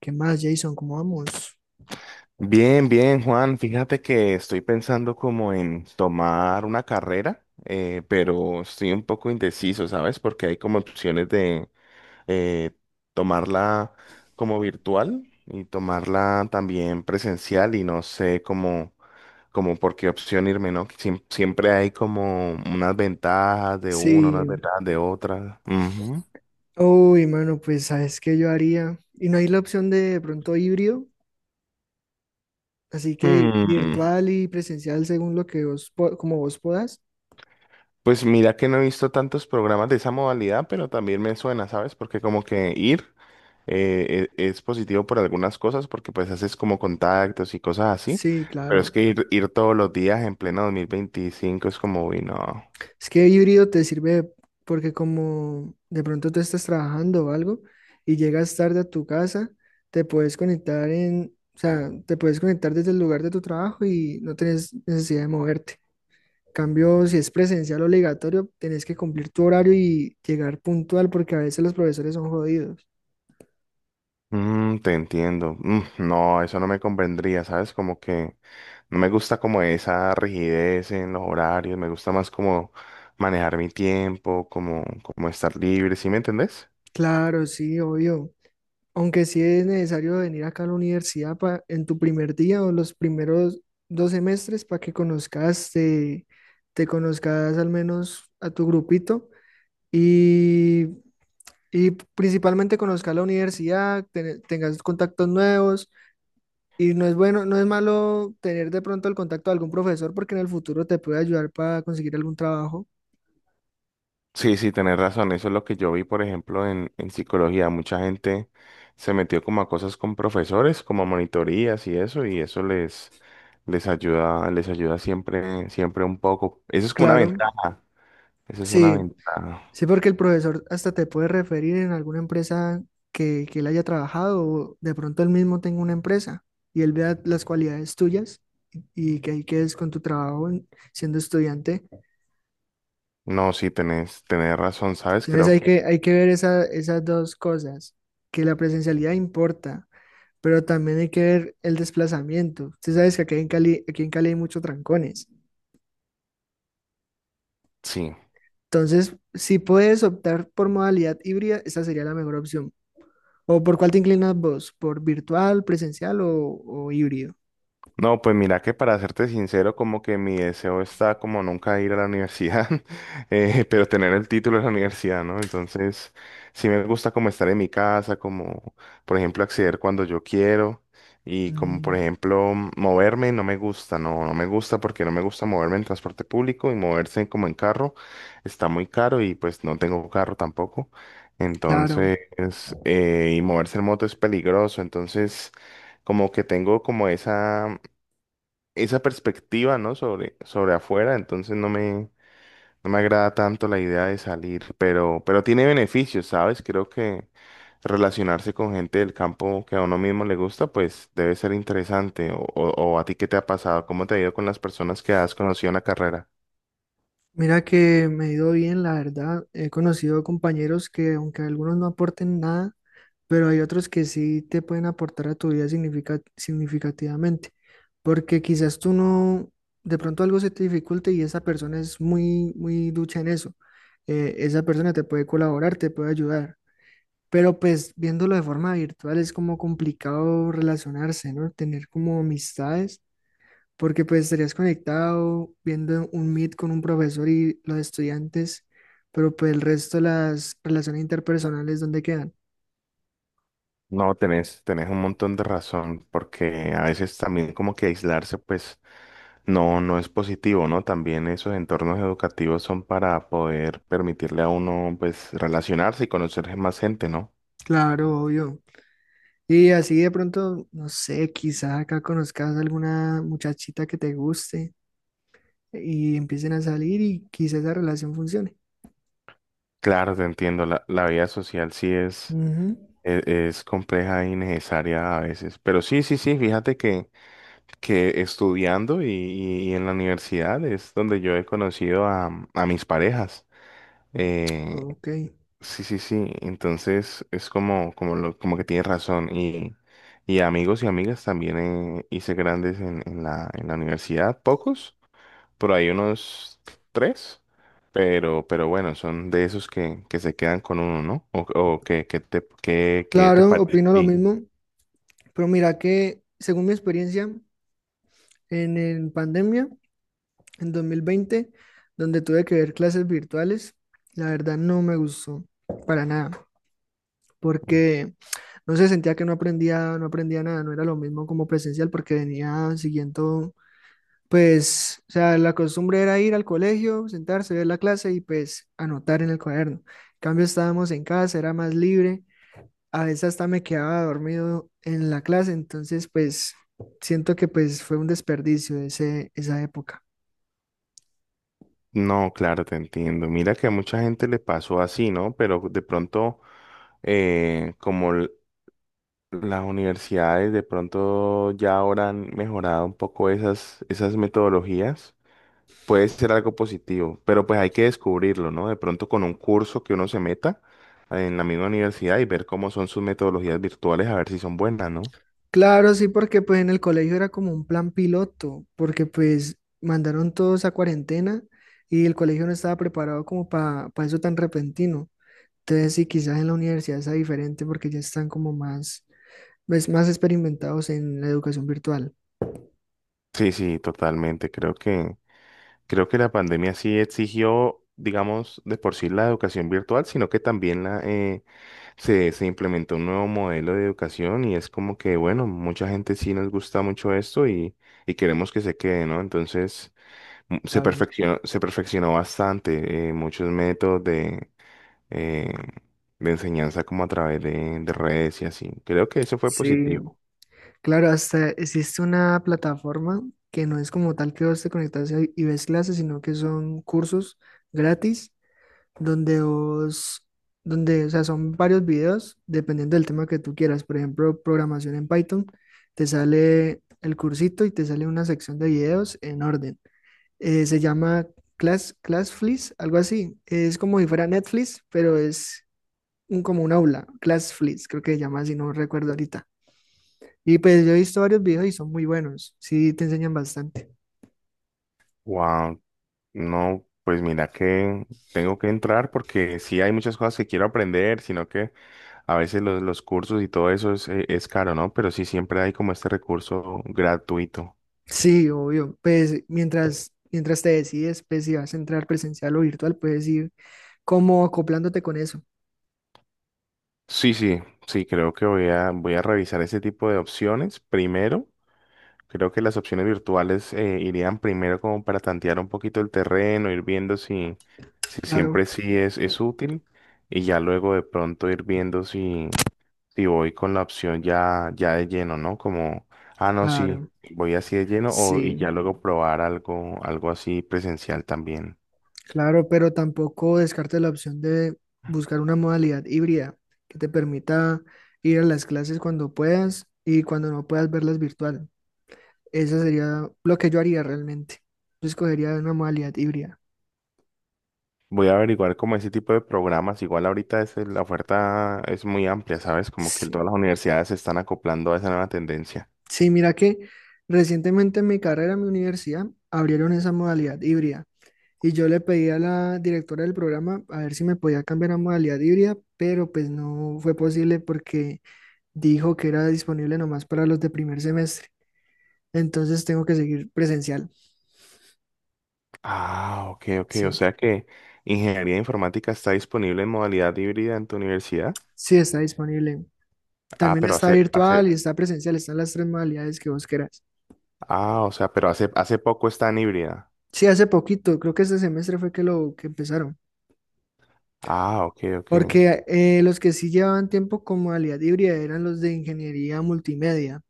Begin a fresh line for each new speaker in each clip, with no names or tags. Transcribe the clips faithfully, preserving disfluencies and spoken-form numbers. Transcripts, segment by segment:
¿Qué más, Jason? ¿Cómo vamos?
Bien, bien, Juan. Fíjate que estoy pensando como en tomar una carrera, eh, pero estoy un poco indeciso, ¿sabes? Porque hay como opciones de eh, tomarla como virtual y tomarla también presencial y no sé cómo, como por qué opción irme, ¿no? Siem- siempre hay como unas ventajas de una, unas
Sí.
ventajas de otra. Ujú.
Uy, mano, pues sabes qué yo haría. Y no hay la opción de, de pronto híbrido, así que
Hmm.
virtual y presencial según lo que vos, po- como vos puedas.
Pues mira que no he visto tantos programas de esa modalidad, pero también me suena, ¿sabes? Porque como que ir eh, e- es positivo por algunas cosas, porque pues haces como contactos y cosas así,
Sí,
pero es
claro.
que ir, ir todos los días en pleno dos mil veinticinco es como, uy, no.
Es que híbrido te sirve porque como de pronto tú estás trabajando o algo y llegas tarde a tu casa, te puedes conectar en, o sea, te puedes conectar desde el lugar de tu trabajo y no tienes necesidad de moverte. Cambio, si es presencial obligatorio, tenés que cumplir tu horario y llegar puntual porque a veces los profesores son jodidos.
Mm, te entiendo. Mm, no, eso no me convendría, ¿sabes? Como que no me gusta como esa rigidez en los horarios, me gusta más como manejar mi tiempo, como, como estar libre, ¿sí me entendés?
Claro, sí, obvio. Aunque sí es necesario venir acá a la universidad pa- en tu primer día o los primeros dos semestres para que conozcas, eh, te, conozcas al menos a tu grupito y, y principalmente conozcas la universidad, ten- tengas contactos nuevos. Y no es bueno, no es malo tener de pronto el contacto de algún profesor porque en el futuro te puede ayudar para conseguir algún trabajo.
Sí, sí, tenés razón. Eso es lo que yo vi, por ejemplo, en, en psicología. Mucha gente se metió como a cosas con profesores, como a monitorías y eso, y eso les, les ayuda, les ayuda siempre, siempre un poco. Eso es como una
Claro,
ventaja. Esa es una
sí,
ventaja.
sí, porque el profesor hasta te puede referir en alguna empresa que, que él haya trabajado o de pronto él mismo tenga una empresa y él vea las cualidades tuyas y que ahí quedes con tu trabajo en- siendo estudiante.
No, sí, tenés, tenés razón, ¿sabes?
Entonces
Creo
hay
que
que, hay que ver esa- esas dos cosas, que la presencialidad importa pero también hay que ver el desplazamiento. Usted sabes que aquí en Cali, aquí en Cali hay muchos trancones.
sí.
Entonces, si puedes optar por modalidad híbrida, esa sería la mejor opción. ¿O por cuál te inclinas vos? ¿Por virtual, presencial o, o híbrido?
No, pues mira que para serte sincero, como que mi deseo está como nunca ir a la universidad, eh, pero tener el título de la universidad, ¿no? Entonces, sí me gusta como estar en mi casa, como por ejemplo acceder cuando yo quiero y como por
Mm,
ejemplo moverme, no me gusta, no, no me gusta porque no me gusta moverme en transporte público y moverse como en carro está muy caro y pues no tengo carro tampoco.
claro.
Entonces, eh, y moverse en moto es peligroso, entonces como que tengo como esa esa perspectiva, ¿no? Sobre, sobre afuera, entonces no me, no me agrada tanto la idea de salir, pero, pero tiene beneficios, ¿sabes? Creo que relacionarse con gente del campo que a uno mismo le gusta, pues debe ser interesante. O, o, o a ti, ¿qué te ha pasado? ¿Cómo te ha ido con las personas que has conocido en la carrera?
Mira que me ha ido bien, la verdad. He conocido compañeros que, aunque algunos no aporten nada, pero hay otros que sí te pueden aportar a tu vida significa- significativamente. Porque quizás tú no, de pronto algo se te dificulte y esa persona es muy, muy ducha en eso. Eh, esa persona te puede colaborar, te puede ayudar. Pero pues viéndolo de forma virtual es como complicado relacionarse, ¿no? Tener como amistades porque pues estarías conectado viendo un Meet con un profesor y los estudiantes, pero pues el resto de las relaciones interpersonales, ¿dónde quedan?
No, tenés, tenés un montón de razón, porque a veces también como que aislarse, pues no, no es positivo, ¿no? También esos entornos educativos son para poder permitirle a uno, pues, relacionarse y conocer más gente, ¿no?
Claro, obvio. Y así de pronto, no sé, quizás acá conozcas alguna muchachita que te guste y empiecen a salir y quizás esa relación funcione.
Claro, te entiendo, la, la vida social sí es,
Ujú.
e- es, compleja y necesaria a veces, pero sí, sí, sí, fíjate que, que estudiando y, y- y en la universidad es donde yo he conocido a, a mis parejas. eh,
Ok.
Sí, sí, sí. Entonces es como, como, lo, como que tienes razón. Y, y amigos y amigas también eh, hice grandes en, en la, en la universidad. Pocos, pero hay unos tres. Pero, pero bueno, son de esos que, que se quedan con uno, ¿no? O, o que, que te, que, que te
Claro,
parece a
opino lo
ti.
mismo, pero mira que según mi experiencia en, en pandemia, en dos mil veinte, donde tuve que ver clases virtuales, la verdad no me gustó para nada, porque no se sentía que no aprendía, no aprendía nada, no era lo mismo como presencial, porque venía siguiendo, pues, o sea, la costumbre era ir al colegio, sentarse, ver la clase y pues anotar en el cuaderno. En cambio, estábamos en casa, era más libre, a veces hasta me quedaba dormido en la clase, entonces pues siento que pues fue un desperdicio ese, esa época.
No, claro, te entiendo. Mira que a mucha gente le pasó así, ¿no? Pero de pronto, eh, como l- las universidades de pronto ya ahora han mejorado un poco esas, esas metodologías. Puede ser algo positivo, pero pues hay que descubrirlo, ¿no? De pronto con un curso que uno se meta en la misma universidad y ver cómo son sus metodologías virtuales, a ver si son buenas, ¿no?
Claro, sí, porque pues en el colegio era como un plan piloto, porque pues mandaron todos a cuarentena y el colegio no estaba preparado como para eso tan repentino. Entonces sí, quizás en la universidad sea diferente porque ya están como más, pues, más experimentados en la educación virtual.
Sí, sí, totalmente. Creo que, creo que la pandemia sí exigió, digamos, de por sí la educación virtual, sino que también la, eh, se, se implementó un nuevo modelo de educación y es como que, bueno, mucha gente sí nos gusta mucho esto y, y queremos que se quede, ¿no? Entonces, m- se
Claro.
perfeccionó, se perfeccionó bastante, eh, muchos métodos de, eh, de enseñanza como a través de, de redes y así. Creo que eso fue
Sí.
positivo.
Claro, hasta existe una plataforma que no es como tal que vos te conectas y y ves clases, sino que son cursos gratis donde vos, donde, o sea, son varios videos dependiendo del tema que tú quieras. Por ejemplo, programación en Python, te sale el cursito y te sale una sección de videos en orden. Eh, se llama Class, Classflix, algo así. Es como si fuera Netflix, pero es un- como un aula, Classflix, creo que se llama así, no recuerdo ahorita. Y pues yo he visto varios videos y son muy buenos, sí te enseñan bastante.
Wow, no, pues mira que tengo que entrar porque sí hay muchas cosas que quiero aprender, sino que a veces los, los cursos y todo eso es, eh, es caro, ¿no? Pero sí siempre hay como este recurso gratuito.
Sí, obvio, pues mientras, mientras te decides, pues si vas a entrar presencial o virtual, puedes ir como acoplándote con eso.
Sí, sí, sí, creo que voy a, voy a revisar ese tipo de opciones. Primero, creo que las opciones virtuales eh, irían primero como para tantear un poquito el terreno, ir viendo si, si
Claro,
siempre sí es, es útil y ya luego de pronto ir viendo si, si voy con la opción ya, ya de lleno, ¿no? Como, ah, no, sí,
claro,
voy así de lleno o, y
sí,
ya luego probar algo, algo así presencial también.
claro, pero tampoco descartes la opción de buscar una modalidad híbrida que te permita ir a las clases cuando puedas y cuando no puedas verlas virtual. Eso sería lo que yo haría realmente. Yo escogería una modalidad híbrida.
Voy a averiguar como ese tipo de programas. Igual ahorita es, el- la oferta es muy amplia, ¿sabes? Como que todas las
Sí.
universidades se están acoplando a esa nueva tendencia.
Sí, mira que recientemente en mi carrera, en mi universidad, abrieron esa modalidad híbrida y yo le pedí a la directora del programa a ver si me podía cambiar a modalidad híbrida, pero pues no fue posible porque dijo que era disponible nomás para los de primer semestre. Entonces tengo que seguir presencial.
Ah, ok, ok. O
Sí,
sea que ingeniería informática está disponible en modalidad híbrida en tu universidad.
sí está disponible.
Ah,
También
pero
está
hace,
virtual y
hace,
está presencial, están las tres modalidades que vos querás.
ah, o sea, pero hace, hace poco está en híbrida.
Sí, hace poquito, creo que este semestre fue que lo que empezaron.
Ah, ok, ok.
Porque eh, los que sí llevaban tiempo con modalidad híbrida eran los de ingeniería multimedia.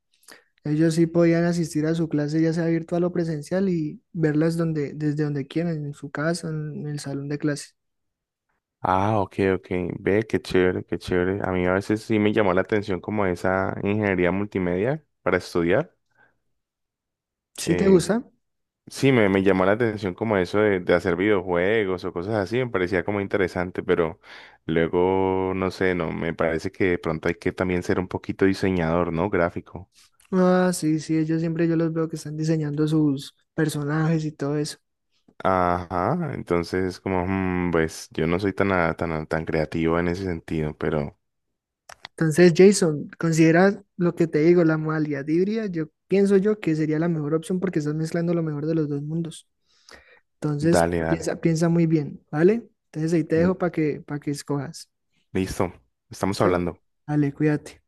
Ellos sí podían asistir a su clase, ya sea virtual o presencial, y verlas donde, desde donde quieran, en su casa, en el salón de clase.
Ah, ok, ok. Ve, qué chévere, qué chévere. A mí a veces sí me llamó la atención como esa ingeniería multimedia para estudiar.
¿Sí te
Eh,
gusta?
Sí, me, me llamó la atención como eso de, de hacer videojuegos o cosas así, me parecía como interesante, pero luego, no sé, no, me parece que de pronto hay que también ser un poquito diseñador, ¿no? Gráfico.
Ah, sí, sí, ellos siempre yo los veo que están diseñando sus personajes y todo eso.
Ajá, entonces como, mm, pues yo no soy tan, a- tan, a- tan creativo en ese sentido, pero
Entonces, Jason, considera lo que te digo, la modalidad híbrida, yo pienso yo que sería la mejor opción porque estás mezclando lo mejor de los dos mundos. Entonces,
dale, dale.
piensa, piensa muy bien, ¿vale? Entonces ahí te
Mm,
dejo para que, para que escojas.
listo, estamos
¿Listo?
hablando.
Vale. Cuídate.